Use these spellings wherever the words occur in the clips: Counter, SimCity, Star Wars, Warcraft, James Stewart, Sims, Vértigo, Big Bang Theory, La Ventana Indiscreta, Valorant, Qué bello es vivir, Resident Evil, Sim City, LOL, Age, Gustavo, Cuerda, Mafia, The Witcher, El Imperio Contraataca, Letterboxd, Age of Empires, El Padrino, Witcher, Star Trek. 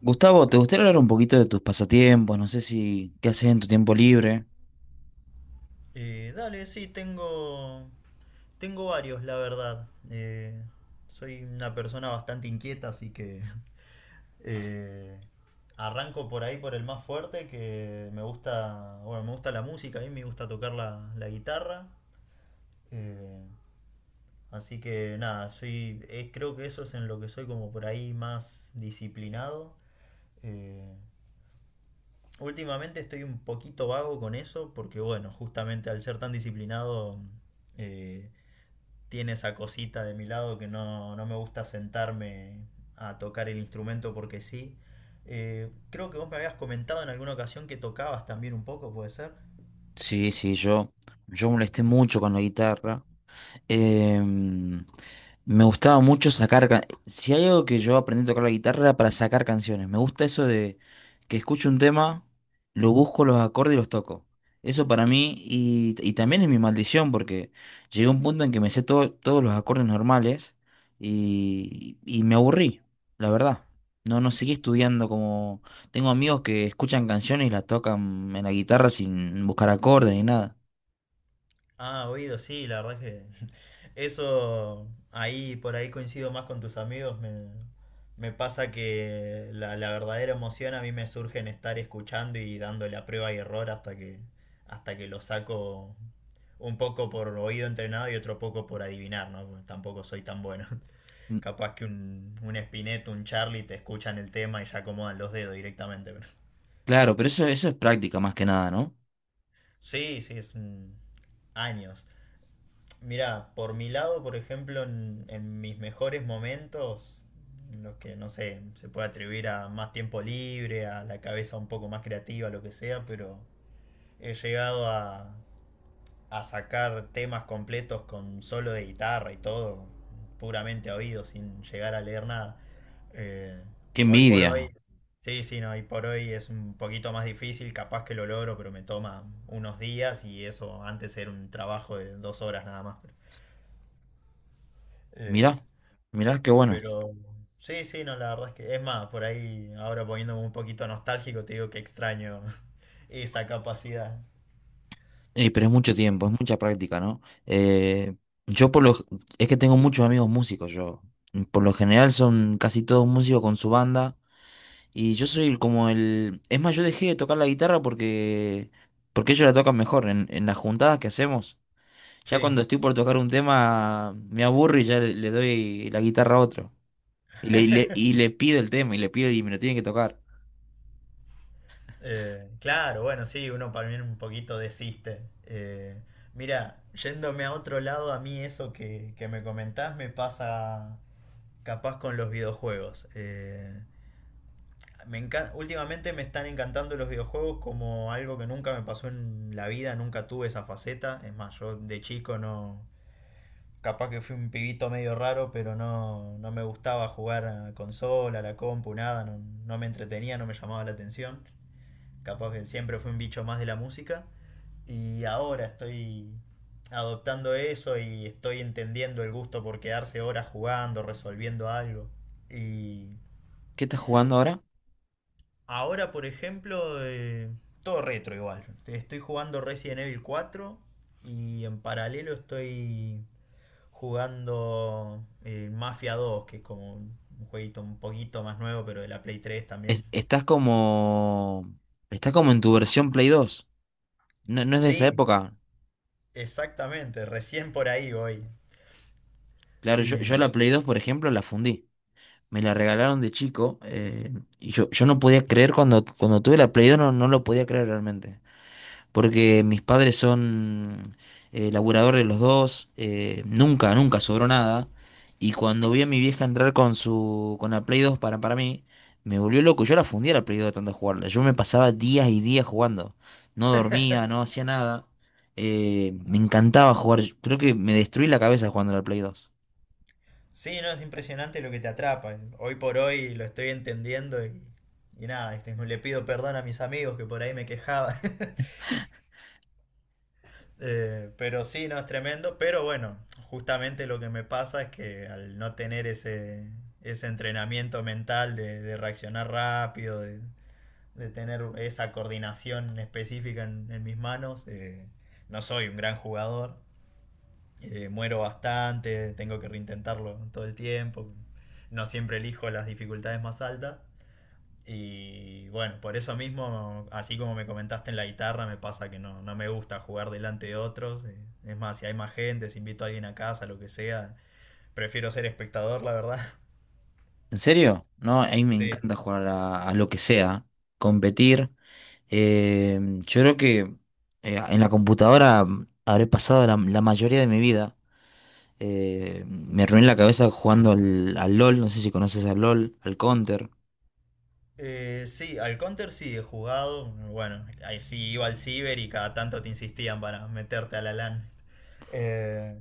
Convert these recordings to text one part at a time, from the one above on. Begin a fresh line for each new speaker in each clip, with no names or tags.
Gustavo, ¿te gustaría hablar un poquito de tus pasatiempos? No sé si qué haces en tu tiempo libre.
Dale, sí, tengo varios, la verdad. Soy una persona bastante inquieta, así que eh, arranco por ahí por el más fuerte, que me gusta, bueno, me gusta la música, a mí me gusta tocar la guitarra. Eh, Así que nada, soy, creo que eso es en lo que soy como por ahí más disciplinado. Eh, Últimamente estoy un poquito vago con eso, porque bueno, justamente al ser tan disciplinado... eh, tiene esa cosita de mi lado que no, no me gusta sentarme a tocar el instrumento porque sí. Creo que vos me habías comentado en alguna ocasión que tocabas también un poco, ¿puede ser?
Sí, sí, yo molesté mucho con la guitarra. Em, Me gustaba mucho sacar... Si hay algo que yo aprendí a tocar la guitarra era para sacar canciones. Me gusta eso de que escucho un tema, lo busco los acordes y los toco. Eso para mí y también es mi maldición porque llegué a un punto en que me sé todos los acordes normales y me aburrí, la verdad. No, no seguí estudiando como... Tengo amigos que escuchan canciones y las tocan en la guitarra sin buscar acordes ni nada.
Ah, oído, sí, la verdad que eso ahí por ahí coincido más con tus amigos. Me pasa que la verdadera emoción a mí me surge en estar escuchando y dándole a prueba y error hasta que lo saco un poco por oído entrenado y otro poco por adivinar, ¿no? Tampoco soy tan bueno. Capaz que un Spinetta, un Charlie te escuchan el tema y ya acomodan los dedos directamente. Pero...
Claro, pero eso es práctica más que nada, ¿no?
Sí, sí, años. Mira, por mi lado, por ejemplo, en mis mejores momentos, los que no sé, se puede atribuir a más tiempo libre, a la cabeza un poco más creativa, lo que sea, pero he llegado a sacar temas completos con solo de guitarra y todo, puramente a oído, sin llegar a leer nada. Eh,
Qué
Hoy por hoy,
envidia.
sí, sí, no, hoy por hoy es un poquito más difícil, capaz que lo logro, pero me toma unos días y eso antes era un trabajo de 2 horas nada más. Eh,
Mirá, mirá, qué bueno.
pero sí, sí, no, la verdad es que es más, por ahí ahora poniéndome un poquito nostálgico, te digo que extraño esa capacidad.
Pero es mucho tiempo, es mucha práctica, ¿no? Yo por lo... Es que tengo muchos amigos músicos, yo. Por lo general son casi todos músicos con su banda. Y yo soy como el... Es más, yo dejé de tocar la guitarra porque... Porque ellos la tocan mejor en las juntadas que hacemos. Ya
Sí.
cuando estoy por tocar un tema, me aburro y ya le doy la guitarra a otro. Y y le pido el tema, y le pido y me lo tienen que tocar.
Claro, bueno, sí, uno para mí un poquito desiste. Mira, yéndome a otro lado, a mí eso que me comentás me pasa capaz con los videojuegos. Últimamente me están encantando los videojuegos como algo que nunca me pasó en la vida, nunca tuve esa faceta. Es más, yo de chico no... Capaz que fui un pibito medio raro, pero no, no me gustaba jugar a consola, a la compu, nada, no, no me entretenía, no me llamaba la atención. Capaz que siempre fui un bicho más de la música. Y ahora estoy adoptando eso y estoy entendiendo el gusto por quedarse horas jugando, resolviendo algo. Y
¿Qué estás jugando ahora?
ahora, por ejemplo, todo retro igual. Estoy jugando Resident Evil 4 y en paralelo estoy jugando Mafia 2, que es como un jueguito un poquito más nuevo, pero de la Play 3 también.
es- estás como. Estás como en tu versión Play dos. No, no es de esa
Sí,
época.
exactamente, recién por ahí voy.
Claro, yo
Y
la Play 2 por ejemplo, la fundí. Me la regalaron de chico. Y yo no podía creer cuando tuve la Play 2 no, no lo podía creer realmente, porque mis padres son laburadores los dos, nunca, nunca sobró nada. Y cuando vi a mi vieja entrar con su, con la Play 2 para mí, me volvió loco. Yo la fundía la Play 2 de tanto jugarla. Yo me pasaba días y días jugando. No dormía, no hacía nada. Me encantaba jugar. Creo que me destruí la cabeza jugando a la Play 2.
sí, no, es impresionante lo que te atrapa. Hoy por hoy lo estoy entendiendo y nada, este, le pido perdón a mis amigos que por ahí me quejaba. Pero sí, no, es tremendo. Pero bueno, justamente lo que me pasa es que al no tener ese entrenamiento mental de reaccionar rápido, de tener esa coordinación específica en mis manos, no soy un gran jugador. Muero bastante, tengo que reintentarlo todo el tiempo, no siempre elijo las dificultades más altas. Y bueno, por eso mismo, así como me comentaste en la guitarra, me pasa que no, no me gusta jugar delante de otros. Es más, si hay más gente, si invito a alguien a casa, lo que sea, prefiero ser espectador, la verdad.
¿En serio? No, a mí me
Sí.
encanta jugar a lo que sea, competir. Eh, yo creo que en la computadora mm, habré pasado la mayoría de mi vida. Me reuní la cabeza jugando al LOL, no sé si conoces al LOL, al Counter.
Sí, al Counter sí he jugado. Bueno, ahí sí iba al ciber y cada tanto te insistían para meterte a la LAN. Eh,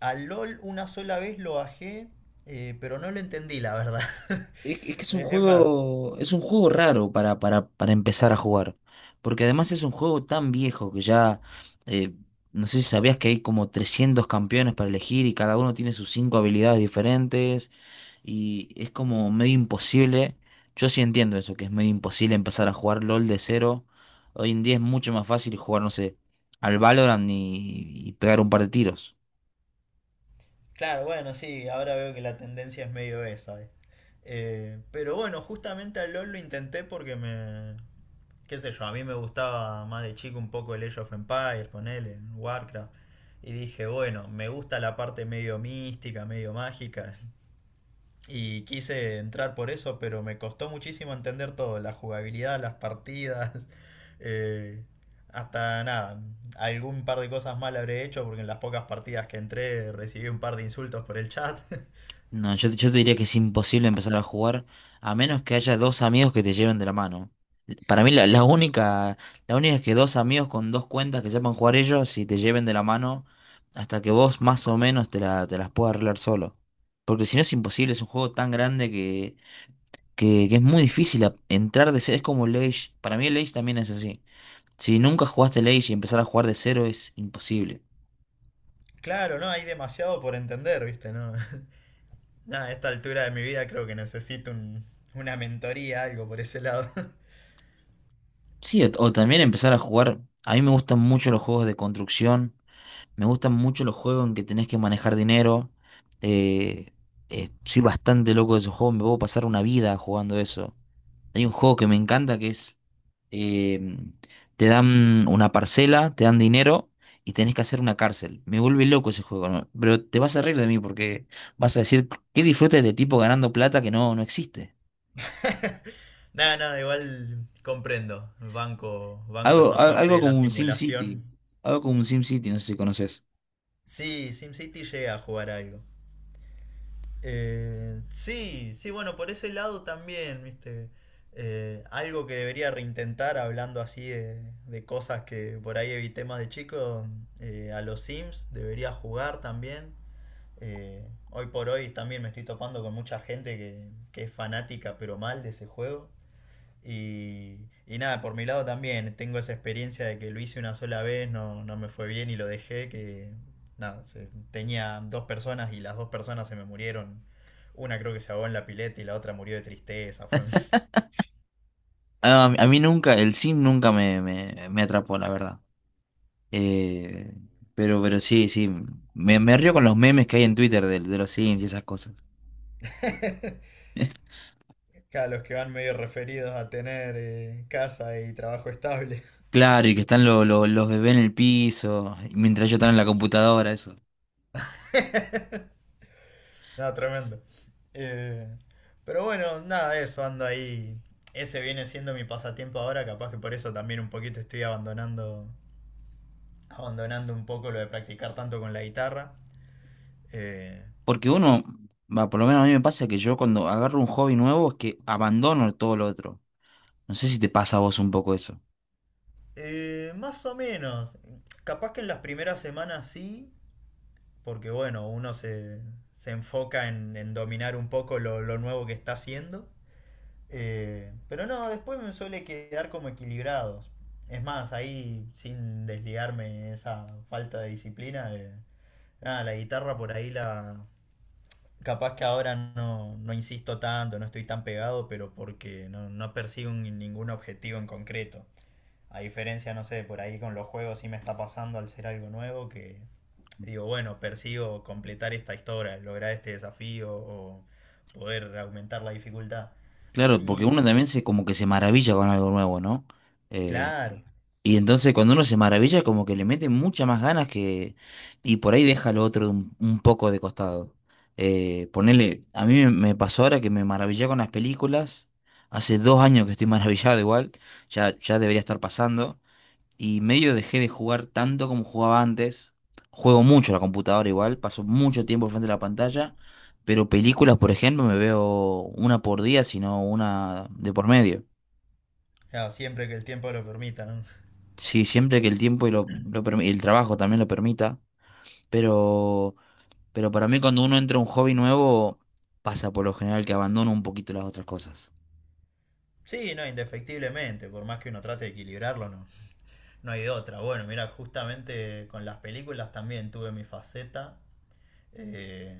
Al LOL una sola vez lo bajé, pero no lo entendí, la verdad.
Es, que es que
Eh, es más,
es un juego raro para, para empezar a jugar. Porque además es un juego tan viejo que ya, eh, no sé si sabías que hay como 300 campeones para elegir y cada uno tiene sus cinco habilidades diferentes. Y es como medio imposible. Yo sí entiendo eso, que es medio imposible empezar a jugar LOL de cero. Hoy en día es mucho más fácil jugar, no sé, al Valorant y pegar un par de tiros.
claro, bueno, sí, ahora veo que la tendencia es medio esa. Pero bueno, justamente al LOL lo intenté porque me... Qué sé yo, a mí me gustaba más de chico un poco el Age of Empires, ponele, en Warcraft. Y dije, bueno, me gusta la parte medio mística, medio mágica. Y quise entrar por eso, pero me costó muchísimo entender todo, la jugabilidad, las partidas, eh, hasta nada, algún par de cosas mal habré hecho porque en las pocas partidas que entré recibí un par de insultos por el chat.
No, yo te diría que es imposible empezar a jugar a menos que haya dos amigos que te lleven de la mano. Para mí
Que,
la única es que dos amigos con dos cuentas que sepan jugar ellos y te lleven de la mano hasta que vos más o menos te las puedas arreglar solo. Porque si no es imposible, es un juego tan grande que es muy difícil entrar de cero. Es como el Age. Para mí el Age también es así. Si nunca jugaste el Age y empezar a jugar de cero es imposible.
claro, no, hay demasiado por entender, ¿viste? No, nada, a esta altura de mi vida creo que necesito una mentoría, algo por ese lado.
Sí, o también empezar a jugar. A mí me gustan mucho los juegos de construcción. Me gustan mucho los juegos en que tenés que manejar dinero. eh, Soy bastante loco de esos juegos. Me puedo pasar una vida jugando eso. Hay un juego que me encanta que es, eh, te dan una parcela, te dan dinero y tenés que hacer una cárcel. Me vuelve loco ese juego, ¿no? Pero te vas a reír de mí porque vas a decir, ¿qué disfruta este tipo ganando plata que no, no existe?
Nada, nada, igual comprendo, banco, banco
Algo,
esa parte
algo
de la
como un Sim City,
simulación.
algo como un Sim City, no sé si conoces.
Sí, SimCity llega a jugar algo. Sí, sí, bueno, por ese lado también, viste. Algo que debería reintentar hablando así de cosas que por ahí evité más de chico, a los Sims debería jugar también. Eh, Hoy por hoy también me estoy topando con mucha gente que es fanática pero mal de ese juego. Y nada, por mi lado también tengo esa experiencia de que lo hice una sola vez, no, no me fue bien y lo dejé, que nada, tenía dos personas y las dos personas se me murieron. Una creo que se ahogó en la pileta y la otra murió de tristeza. Fue...
Ah, a mí nunca, el Sim nunca me atrapó, la verdad. Eh, pero sí, sí, me río con los memes que hay en Twitter de los Sims y esas cosas.
Claro, los que van medio referidos a tener casa y trabajo estable.
Claro, y que están los bebés en el piso, y mientras yo están en la computadora, eso.
No, tremendo. Eh, pero bueno, nada, eso, ando ahí. Ese viene siendo mi pasatiempo ahora, capaz que por eso también un poquito estoy abandonando. Abandonando un poco lo de practicar tanto con la guitarra. Eh,
Porque uno, va, por lo menos a mí me pasa que yo cuando agarro un hobby nuevo es que abandono todo lo otro. No sé si te pasa a vos un poco eso.
Más o menos, capaz que en las primeras semanas sí, porque bueno, se enfoca en dominar un poco lo nuevo que está haciendo. Pero no, después me suele quedar como equilibrados. Es más, ahí sin desligarme esa falta de disciplina, nada, la guitarra por ahí la, capaz que ahora no, no insisto tanto, no estoy tan pegado, pero porque no, no persigo ningún objetivo en concreto. A diferencia, no sé, por ahí con los juegos sí me está pasando al ser algo nuevo que digo, bueno, persigo completar esta historia, lograr este desafío o poder aumentar la dificultad.
Claro, porque
Y
uno también se como que se maravilla con algo nuevo, ¿no?
claro,
Y entonces cuando uno se maravilla, como que le mete muchas más ganas que... Y por ahí deja lo otro un poco de costado. Ponele, a mí me pasó ahora que me maravillé con las películas. Hace dos años que estoy maravillado igual. Ya, ya debería estar pasando. Y medio dejé de jugar tanto como jugaba antes. Juego mucho a la computadora igual. Paso mucho tiempo frente a la pantalla. Pero películas, por ejemplo, me veo una por día, sino una de por medio.
claro, siempre que el tiempo lo permita, ¿no?
Sí, siempre que el tiempo y y el trabajo también lo permita, pero, pero para mí cuando uno entra a un hobby nuevo, pasa por lo general que abandona un poquito las otras cosas.
Sí, no, indefectiblemente, por más que uno trate de equilibrarlo, no, no hay de otra. Bueno, mira, justamente con las películas también tuve mi faceta. Eh,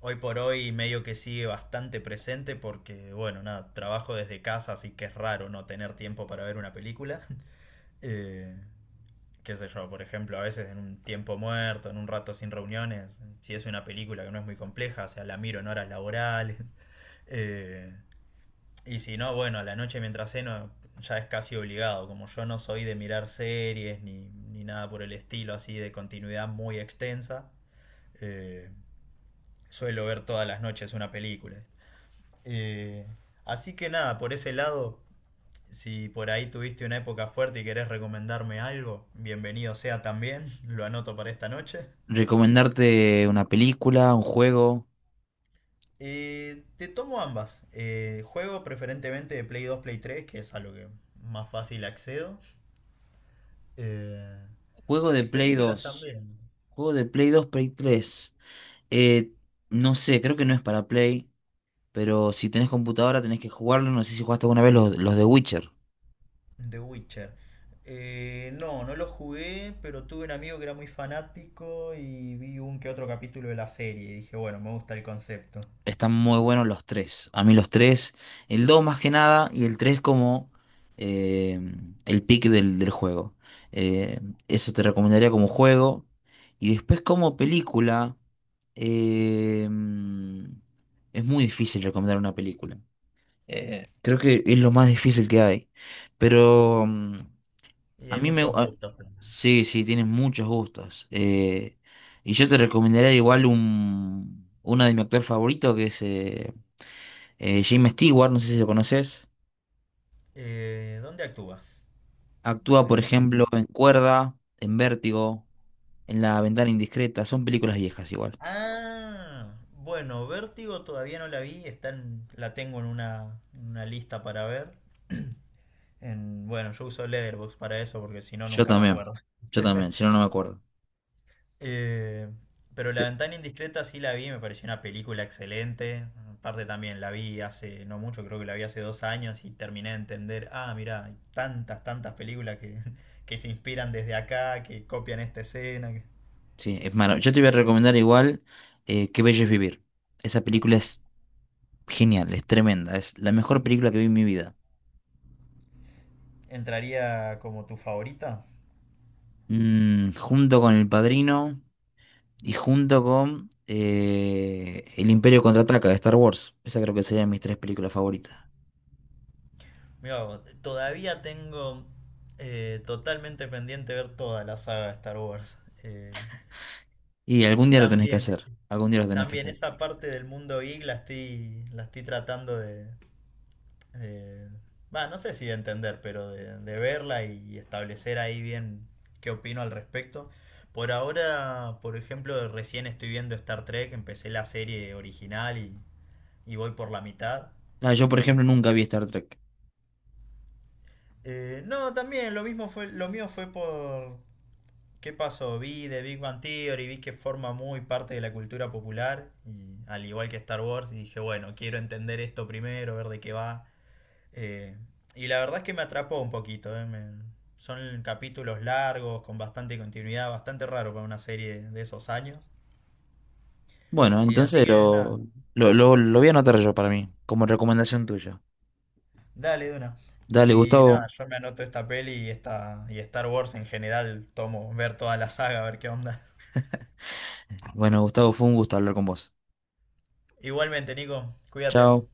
Hoy por hoy medio que sigue bastante presente porque, bueno, nada, trabajo desde casa, así que es raro no tener tiempo para ver una película. Eh, Qué sé yo, por ejemplo, a veces en un tiempo muerto, en un rato sin reuniones, si es una película que no es muy compleja, o sea, la miro en horas laborales. Eh, y si no, bueno, a la noche mientras ceno ya es casi obligado, como yo no soy de mirar series ni nada por el estilo así de continuidad muy extensa. eh, Suelo ver todas las noches una película. Eh, Así que nada, por ese lado, si por ahí tuviste una época fuerte y querés recomendarme algo, bienvenido sea también, lo anoto para esta noche.
Recomendarte una película, un juego,
Te tomo ambas. Juego preferentemente de Play 2, Play 3, que es a lo que más fácil accedo. Eh,
juego de
y
Play
películas
dos,
también.
juego de Play dos, Play tres. Eh, no sé, creo que no es para Play, pero si tenés computadora tenés que jugarlo, no sé si jugaste alguna vez los de Witcher.
The Witcher. No, no lo jugué, pero tuve un amigo que era muy fanático y vi un que otro capítulo de la serie y dije, bueno, me gusta el concepto.
Están muy buenos los tres. A mí los tres, el 2 más que nada y el 3 como eh, el pick del, del juego. Eh, Eso te recomendaría como juego. Y después como película, eh, es muy difícil recomendar una película. Creo que es lo más difícil que hay. Pero mm,
Y
a
hay
mí me...
muchos gustos.
sí, sí, tienes muchos gustos. Y yo te recomendaría igual un, uno de mi actor favorito que es... James Stewart, no sé si lo conoces,
¿Dónde actúa?
actúa,
El
por
nombre,
ejemplo,
no sé.
en Cuerda, en Vértigo, en La Ventana Indiscreta, son películas viejas igual.
Ah, bueno, Vértigo todavía no la vi, la tengo en una lista para ver. Bueno, yo uso Letterboxd para eso porque si no
Yo
nunca me
también,
acuerdo.
yo también, si no, no me acuerdo.
Eh, pero La
Pe-
Ventana Indiscreta sí la vi, me pareció una película excelente. Aparte también la vi hace no mucho, creo que la vi hace 2 años y terminé de entender, ah, mira, hay tantas, tantas películas que se inspiran desde acá, que copian esta escena. Que...
Sí, es malo. Yo te voy a recomendar igual Qué bello es vivir. Esa película es genial, es tremenda, es la mejor película que vi en mi vida.
¿Entraría como tu favorita?
Mm, junto con El Padrino y junto con El Imperio Contraataca de Star Wars. Esa creo que serían mis tres películas favoritas.
Mira, todavía tengo totalmente pendiente ver toda la saga de Star Wars. Eh,
Y algún día lo tenés que
también,
hacer, algún día lo tenés que
También
hacer.
esa parte del mundo geek la estoy tratando de, eh, va, no sé si de entender, pero de verla y establecer ahí bien qué opino al respecto. Por ahora, por ejemplo, recién estoy viendo Star Trek, empecé la serie original y voy por la mitad.
Ah, yo, por
Eh,
ejemplo, nunca vi Star Trek.
no, también lo mismo fue, lo mío fue por qué pasó, vi de Big Bang Theory, vi que forma muy parte de la cultura popular, y al igual que Star Wars, y dije, bueno, quiero entender esto primero, ver de qué va. Eh, y la verdad es que me atrapó un poquito. Son capítulos largos, con bastante continuidad, bastante raro para una serie de esos años.
Bueno,
Y así
entonces
que nada,
lo voy a anotar yo para mí, como recomendación tuya.
dale de una.
Dale,
Y
Gustavo.
nada, yo me anoto esta peli y, esta, y Star Wars en general, tomo ver toda la saga, a ver qué onda.
Bueno, Gustavo, fue un gusto hablar con vos.
Igualmente, Nico, cuídate.
Chao.